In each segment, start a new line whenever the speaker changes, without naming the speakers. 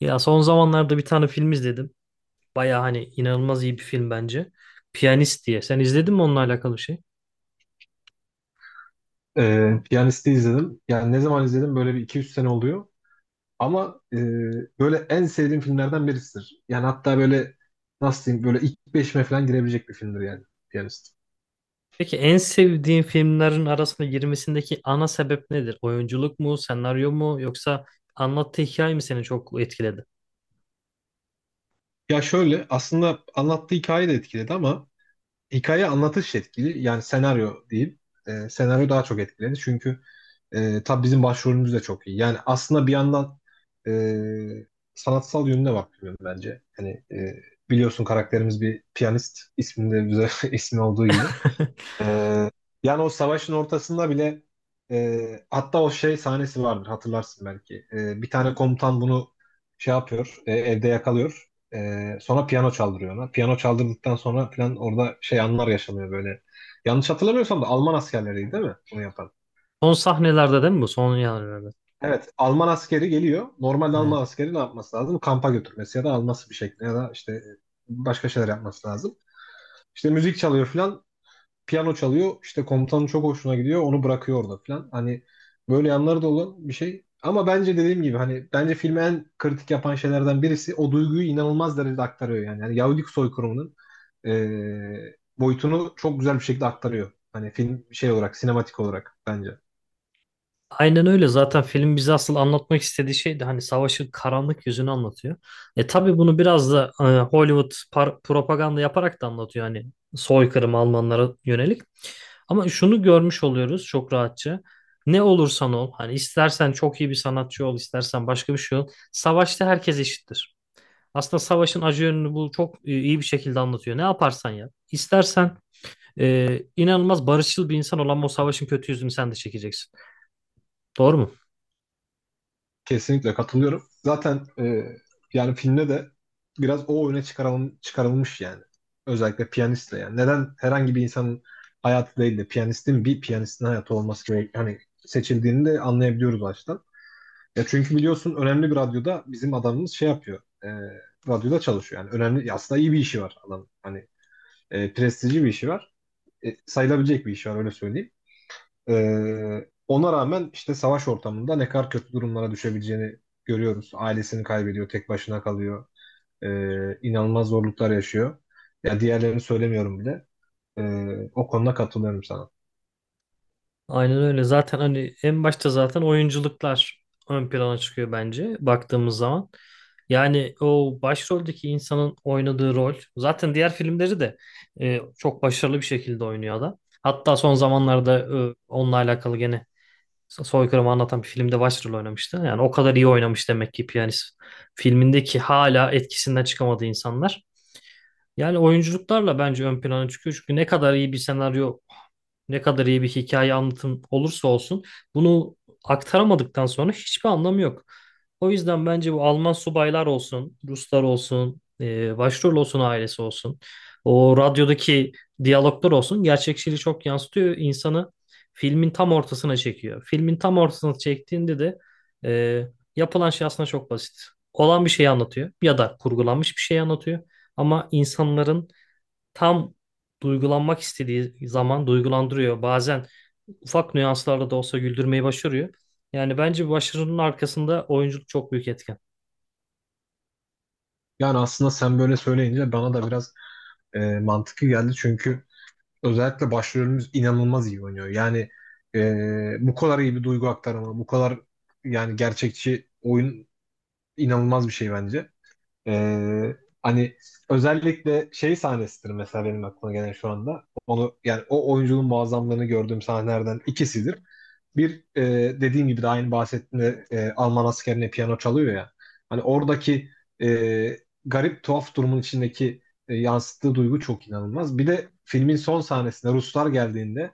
Ya son zamanlarda bir tane film izledim. Baya hani inanılmaz iyi bir film bence. Piyanist diye. Sen izledin mi onunla alakalı şey?
Piyanist'i izledim. Yani ne zaman izledim böyle bir iki üç sene oluyor. Ama böyle en sevdiğim filmlerden birisidir. Yani hatta böyle nasıl diyeyim böyle ilk 5'ime falan girebilecek bir filmdir yani Piyanist.
Peki en sevdiğin filmlerin arasında girmesindeki ana sebep nedir? Oyunculuk mu, senaryo mu yoksa anlattığı hikaye mi seni çok etkiledi?
Ya şöyle aslında anlattığı hikaye de etkiledi ama hikaye anlatış etkili. Yani senaryo değil. Senaryo daha çok etkiledi. Çünkü tabii bizim başvurumuz da çok iyi. Yani aslında bir yandan e, sanatsal yönüne bakıyorum bence. Hani biliyorsun karakterimiz bir piyanist isminde güzel ismi olduğu gibi. E, yani o savaşın ortasında bile hatta o şey sahnesi vardır hatırlarsın belki. Bir tane komutan bunu şey yapıyor, evde yakalıyor. Sonra piyano çaldırıyor ona. Piyano çaldırdıktan sonra falan orada şey anlar yaşanıyor böyle. Yanlış hatırlamıyorsam da Alman askerleriydi değil mi bunu yapan?
Son sahnelerde değil mi bu? Son yerlerde.
Evet, Alman askeri geliyor. Normalde
Aynen.
Alman askeri ne yapması lazım? Kampa götürmesi ya da alması bir şekilde ya da işte başka şeyler yapması lazım. İşte müzik çalıyor falan, piyano çalıyor. İşte komutanın çok hoşuna gidiyor, onu bırakıyor orada falan. Hani böyle yanları da olan bir şey. Ama bence dediğim gibi hani bence filmi en kritik yapan şeylerden birisi o duyguyu inanılmaz derecede aktarıyor yani. Yani Yahudilik soykırımının boyutunu çok güzel bir şekilde aktarıyor. Hani film şey olarak, sinematik olarak bence.
Aynen öyle. Zaten film bize asıl anlatmak istediği şey de hani savaşın karanlık yüzünü anlatıyor. E tabii bunu biraz da Hollywood propaganda yaparak da anlatıyor, hani soykırım Almanlara yönelik. Ama şunu görmüş oluyoruz çok rahatça. Ne olursan ol, hani istersen çok iyi bir sanatçı ol, istersen başka bir şey ol. Savaşta herkes eşittir. Aslında savaşın acı yönünü bu çok iyi bir şekilde anlatıyor. Ne yaparsan yap. İstersen inanılmaz barışçıl bir insan olan o savaşın kötü yüzünü sen de çekeceksin. Doğru mu?
Kesinlikle katılıyorum. Zaten yani filmde de biraz o çıkarılmış yani. Özellikle piyanistle yani. Neden herhangi bir insanın hayatı değil de bir piyanistin hayatı hani seçildiğini de anlayabiliyoruz baştan. Ya çünkü biliyorsun önemli bir radyoda bizim adamımız şey yapıyor. Radyoda çalışıyor yani. Önemli aslında iyi bir işi var adam. Hani prestijli bir işi var. Sayılabilecek bir işi var öyle söyleyeyim. Ona rağmen işte savaş ortamında ne kadar kötü durumlara düşebileceğini görüyoruz. Ailesini kaybediyor, tek başına kalıyor. İnanılmaz zorluklar yaşıyor. Ya diğerlerini söylemiyorum bile. O konuda katılıyorum sana.
Aynen öyle. Zaten hani en başta zaten oyunculuklar ön plana çıkıyor bence baktığımız zaman. Yani o başroldeki insanın oynadığı rol zaten diğer filmleri de çok başarılı bir şekilde oynuyor adam. Hatta son zamanlarda onunla alakalı gene soykırımı anlatan bir filmde başrol oynamıştı. Yani o kadar iyi oynamış demek ki piyanist. Filmindeki hala etkisinden çıkamadığı insanlar. Yani oyunculuklarla bence ön plana çıkıyor. Çünkü ne kadar iyi bir senaryo ne kadar iyi bir hikaye anlatım olursa olsun bunu aktaramadıktan sonra hiçbir anlamı yok. O yüzden bence bu Alman subaylar olsun, Ruslar olsun, başrol olsun, ailesi olsun, o radyodaki diyaloglar olsun gerçekçiliği çok yansıtıyor. İnsanı filmin tam ortasına çekiyor. Filmin tam ortasına çektiğinde de e, yapılan şey aslında çok basit. Olan bir şeyi anlatıyor ya da kurgulanmış bir şey anlatıyor. Ama insanların tam duygulanmak istediği zaman duygulandırıyor. Bazen ufak nüanslarla da olsa güldürmeyi başarıyor. Yani bence bu başarının arkasında oyunculuk çok büyük etken.
Yani aslında sen böyle söyleyince bana da biraz mantıklı geldi çünkü özellikle başrolümüz inanılmaz iyi oynuyor. Yani bu kadar iyi bir duygu aktarımı, bu kadar yani gerçekçi oyun inanılmaz bir şey bence. Ee, hani özellikle şey sahnesidir mesela benim aklıma gelen şu anda. Onu yani o oyuncunun muazzamlığını gördüğüm sahnelerden ikisidir. Bir e, dediğim gibi de aynı bahsettiğimde, Alman askerine piyano çalıyor ya. Hani oradaki e, garip tuhaf durumun içindeki yansıttığı duygu çok inanılmaz. Bir de filmin son sahnesinde Ruslar geldiğinde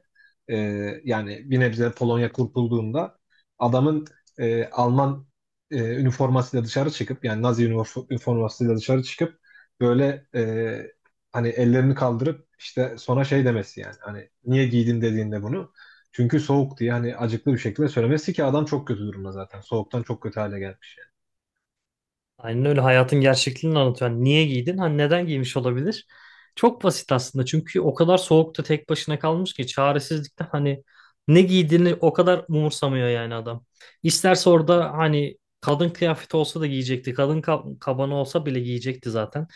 e, yani bir nebze Polonya kurtulduğunda adamın, Alman üniformasıyla dışarı çıkıp yani Nazi üniformasıyla dışarı çıkıp böyle hani ellerini kaldırıp işte sonra şey demesi yani hani niye giydin dediğinde bunu çünkü soğuk diye hani acıklı bir şekilde söylemesi ki adam çok kötü durumda zaten. Soğuktan çok kötü hale gelmiş yani.
Aynen öyle, hayatın gerçekliğini anlatıyor. Hani niye giydin? Hani neden giymiş olabilir? Çok basit aslında. Çünkü o kadar soğukta tek başına kalmış ki çaresizlikten hani ne giydiğini o kadar umursamıyor yani adam. İsterse orada hani kadın kıyafeti olsa da giyecekti. Kadın kabanı olsa bile giyecekti zaten.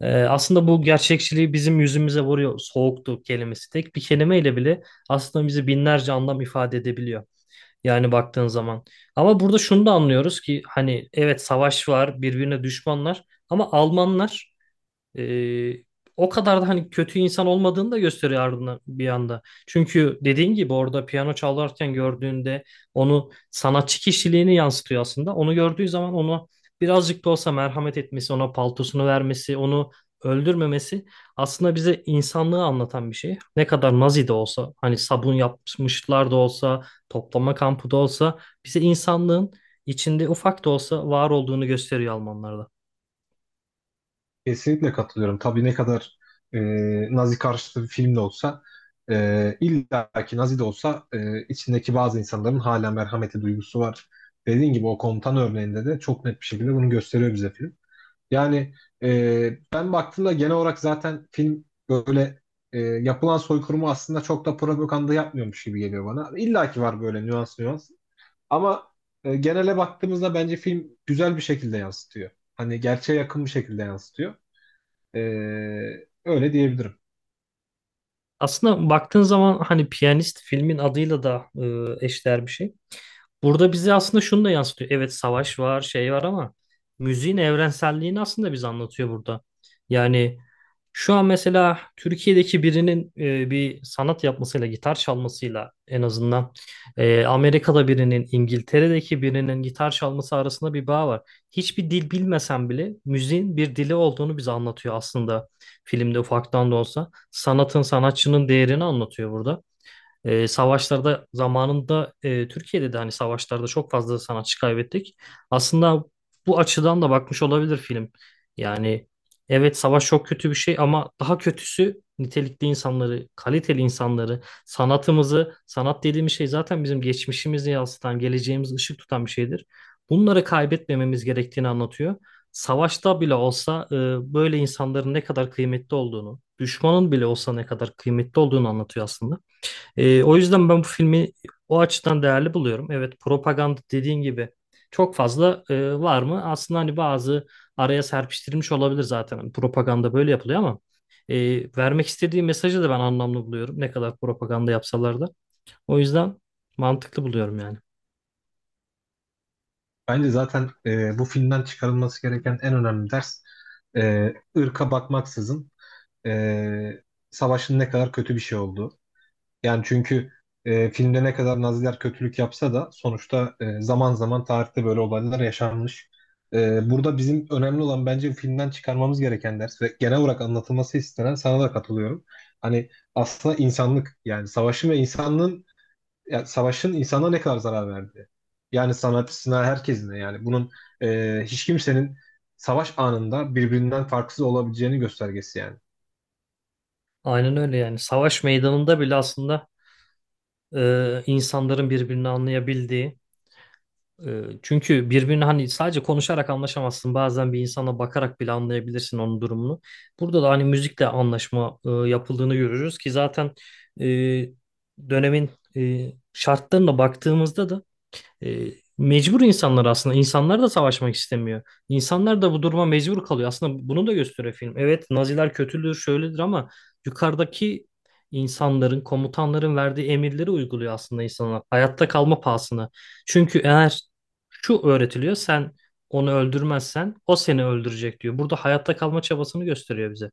Aslında bu gerçekçiliği bizim yüzümüze vuruyor soğuktu kelimesi. Tek bir kelimeyle bile aslında bizi binlerce anlam ifade edebiliyor. Yani baktığın zaman. Ama burada şunu da anlıyoruz ki hani evet savaş var, birbirine düşmanlar ama Almanlar ee, o kadar da hani kötü insan olmadığını da gösteriyor ardından bir anda. Çünkü dediğin gibi orada piyano çalarken gördüğünde onu sanatçı kişiliğini yansıtıyor aslında. Onu gördüğü zaman onu birazcık da olsa merhamet etmesi, ona paltosunu vermesi, onu öldürmemesi aslında bize insanlığı anlatan bir şey. Ne kadar Nazi de olsa, hani sabun yapmışlar da olsa, toplama kampı da olsa bize insanlığın içinde ufak da olsa var olduğunu gösteriyor Almanlarda.
Kesinlikle katılıyorum. Tabii ne kadar e, Nazi karşıtı bir film de olsa, illa ki Nazi de olsa, içindeki bazı insanların hala merhameti duygusu var. Dediğin gibi o komutan örneğinde de çok net bir şekilde bunu gösteriyor bize film. Yani ben baktığımda genel olarak zaten film böyle yapılan soykırımı aslında çok da propaganda yapmıyormuş gibi geliyor bana. İlla ki var böyle nüans nüans. Ama genele baktığımızda bence film güzel bir şekilde yansıtıyor. Hani gerçeğe yakın bir şekilde yansıtıyor. E, öyle diyebilirim.
Aslında baktığın zaman hani Piyanist filmin adıyla da eşdeğer bir şey. Burada bize aslında şunu da yansıtıyor. Evet savaş var, şey var ama müziğin evrenselliğini aslında bize anlatıyor burada. Yani şu an mesela Türkiye'deki birinin bir sanat yapmasıyla, gitar çalmasıyla en azından Amerika'da birinin, İngiltere'deki birinin gitar çalması arasında bir bağ var. Hiçbir dil bilmesen bile müziğin bir dili olduğunu bize anlatıyor aslında filmde ufaktan da olsa. Sanatın, sanatçının değerini anlatıyor burada. E, savaşlarda zamanında Türkiye'de de hani savaşlarda çok fazla sanatçı kaybettik. Aslında bu açıdan da bakmış olabilir film. Yani evet savaş çok kötü bir şey ama daha kötüsü nitelikli insanları, kaliteli insanları, sanatımızı, sanat dediğimiz şey zaten bizim geçmişimizi yansıtan, geleceğimizi ışık tutan bir şeydir. Bunları kaybetmememiz gerektiğini anlatıyor. Savaşta bile olsa böyle insanların ne kadar kıymetli olduğunu, düşmanın bile olsa ne kadar kıymetli olduğunu anlatıyor aslında. O yüzden ben bu filmi o açıdan değerli buluyorum. Evet, propaganda dediğin gibi çok fazla var mı? Aslında hani bazı araya serpiştirilmiş olabilir zaten. Hani propaganda böyle yapılıyor ama e, vermek istediği mesajı da ben anlamlı buluyorum. Ne kadar propaganda yapsalar da. O yüzden mantıklı buluyorum yani.
Bence zaten bu filmden çıkarılması gereken en önemli ders, ırka bakmaksızın e, savaşın ne kadar kötü bir şey olduğu. Yani çünkü filmde ne kadar Naziler kötülük yapsa da sonuçta, zaman zaman tarihte böyle olaylar yaşanmış. Burada bizim önemli olan bence filmden çıkarmamız gereken ders ve genel olarak anlatılması istenen sana da katılıyorum. Hani aslında insanlık yani savaşın ve insanlığın yani savaşın insana ne kadar zarar verdiği. Yani sanatçısına herkesine yani bunun hiç kimsenin savaş anında birbirinden farksız olabileceğini göstergesi yani.
Aynen öyle yani. Savaş meydanında bile aslında insanların birbirini anlayabildiği, çünkü birbirini hani sadece konuşarak anlaşamazsın. Bazen bir insana bakarak bile anlayabilirsin onun durumunu. Burada da hani müzikle anlaşma yapıldığını görürüz ki zaten e, dönemin e, şartlarına baktığımızda da e, mecbur insanlar aslında. İnsanlar da savaşmak istemiyor. İnsanlar da bu duruma mecbur kalıyor. Aslında bunu da gösteriyor film. Evet Naziler kötüdür, şöyledir ama yukarıdaki insanların, komutanların verdiği emirleri uyguluyor aslında insanlar. Hayatta kalma pahasına. Çünkü eğer şu öğretiliyor, sen onu öldürmezsen o seni öldürecek diyor. Burada hayatta kalma çabasını gösteriyor bize.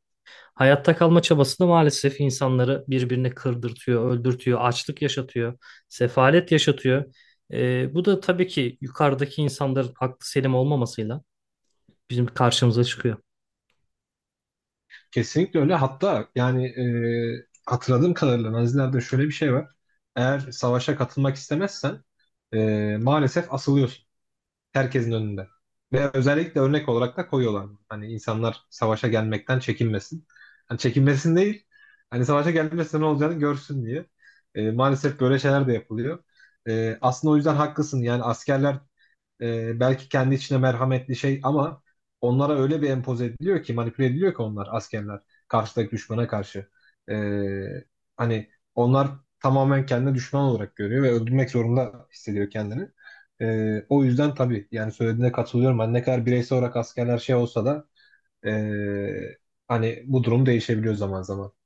Hayatta kalma çabası da maalesef insanları birbirine kırdırtıyor, öldürtüyor, açlık yaşatıyor, sefalet yaşatıyor. Bu da tabii ki yukarıdaki insanların aklı selim olmamasıyla bizim karşımıza çıkıyor.
Kesinlikle öyle. Hatta yani hatırladığım kadarıyla Nazilerde şöyle bir şey var. Eğer savaşa katılmak istemezsen maalesef asılıyorsun herkesin önünde. Ve özellikle örnek olarak da koyuyorlar. Hani insanlar savaşa gelmekten çekinmesin. Hani çekinmesin değil, hani savaşa gelmesi ne olacağını görsün diye. Maalesef böyle şeyler de yapılıyor. Aslında o yüzden haklısın. Yani askerler belki kendi içine merhametli şey ama onlara öyle bir empoze ediliyor ki manipüle ediliyor ki onlar askerler karşıdaki düşmana karşı. E, hani onlar tamamen kendini düşman olarak görüyor ve öldürmek zorunda hissediyor kendini. O yüzden tabii yani söylediğine katılıyorum. Hani ne kadar bireysel olarak askerler şey olsa da e, hani bu durum değişebiliyor zaman zaman.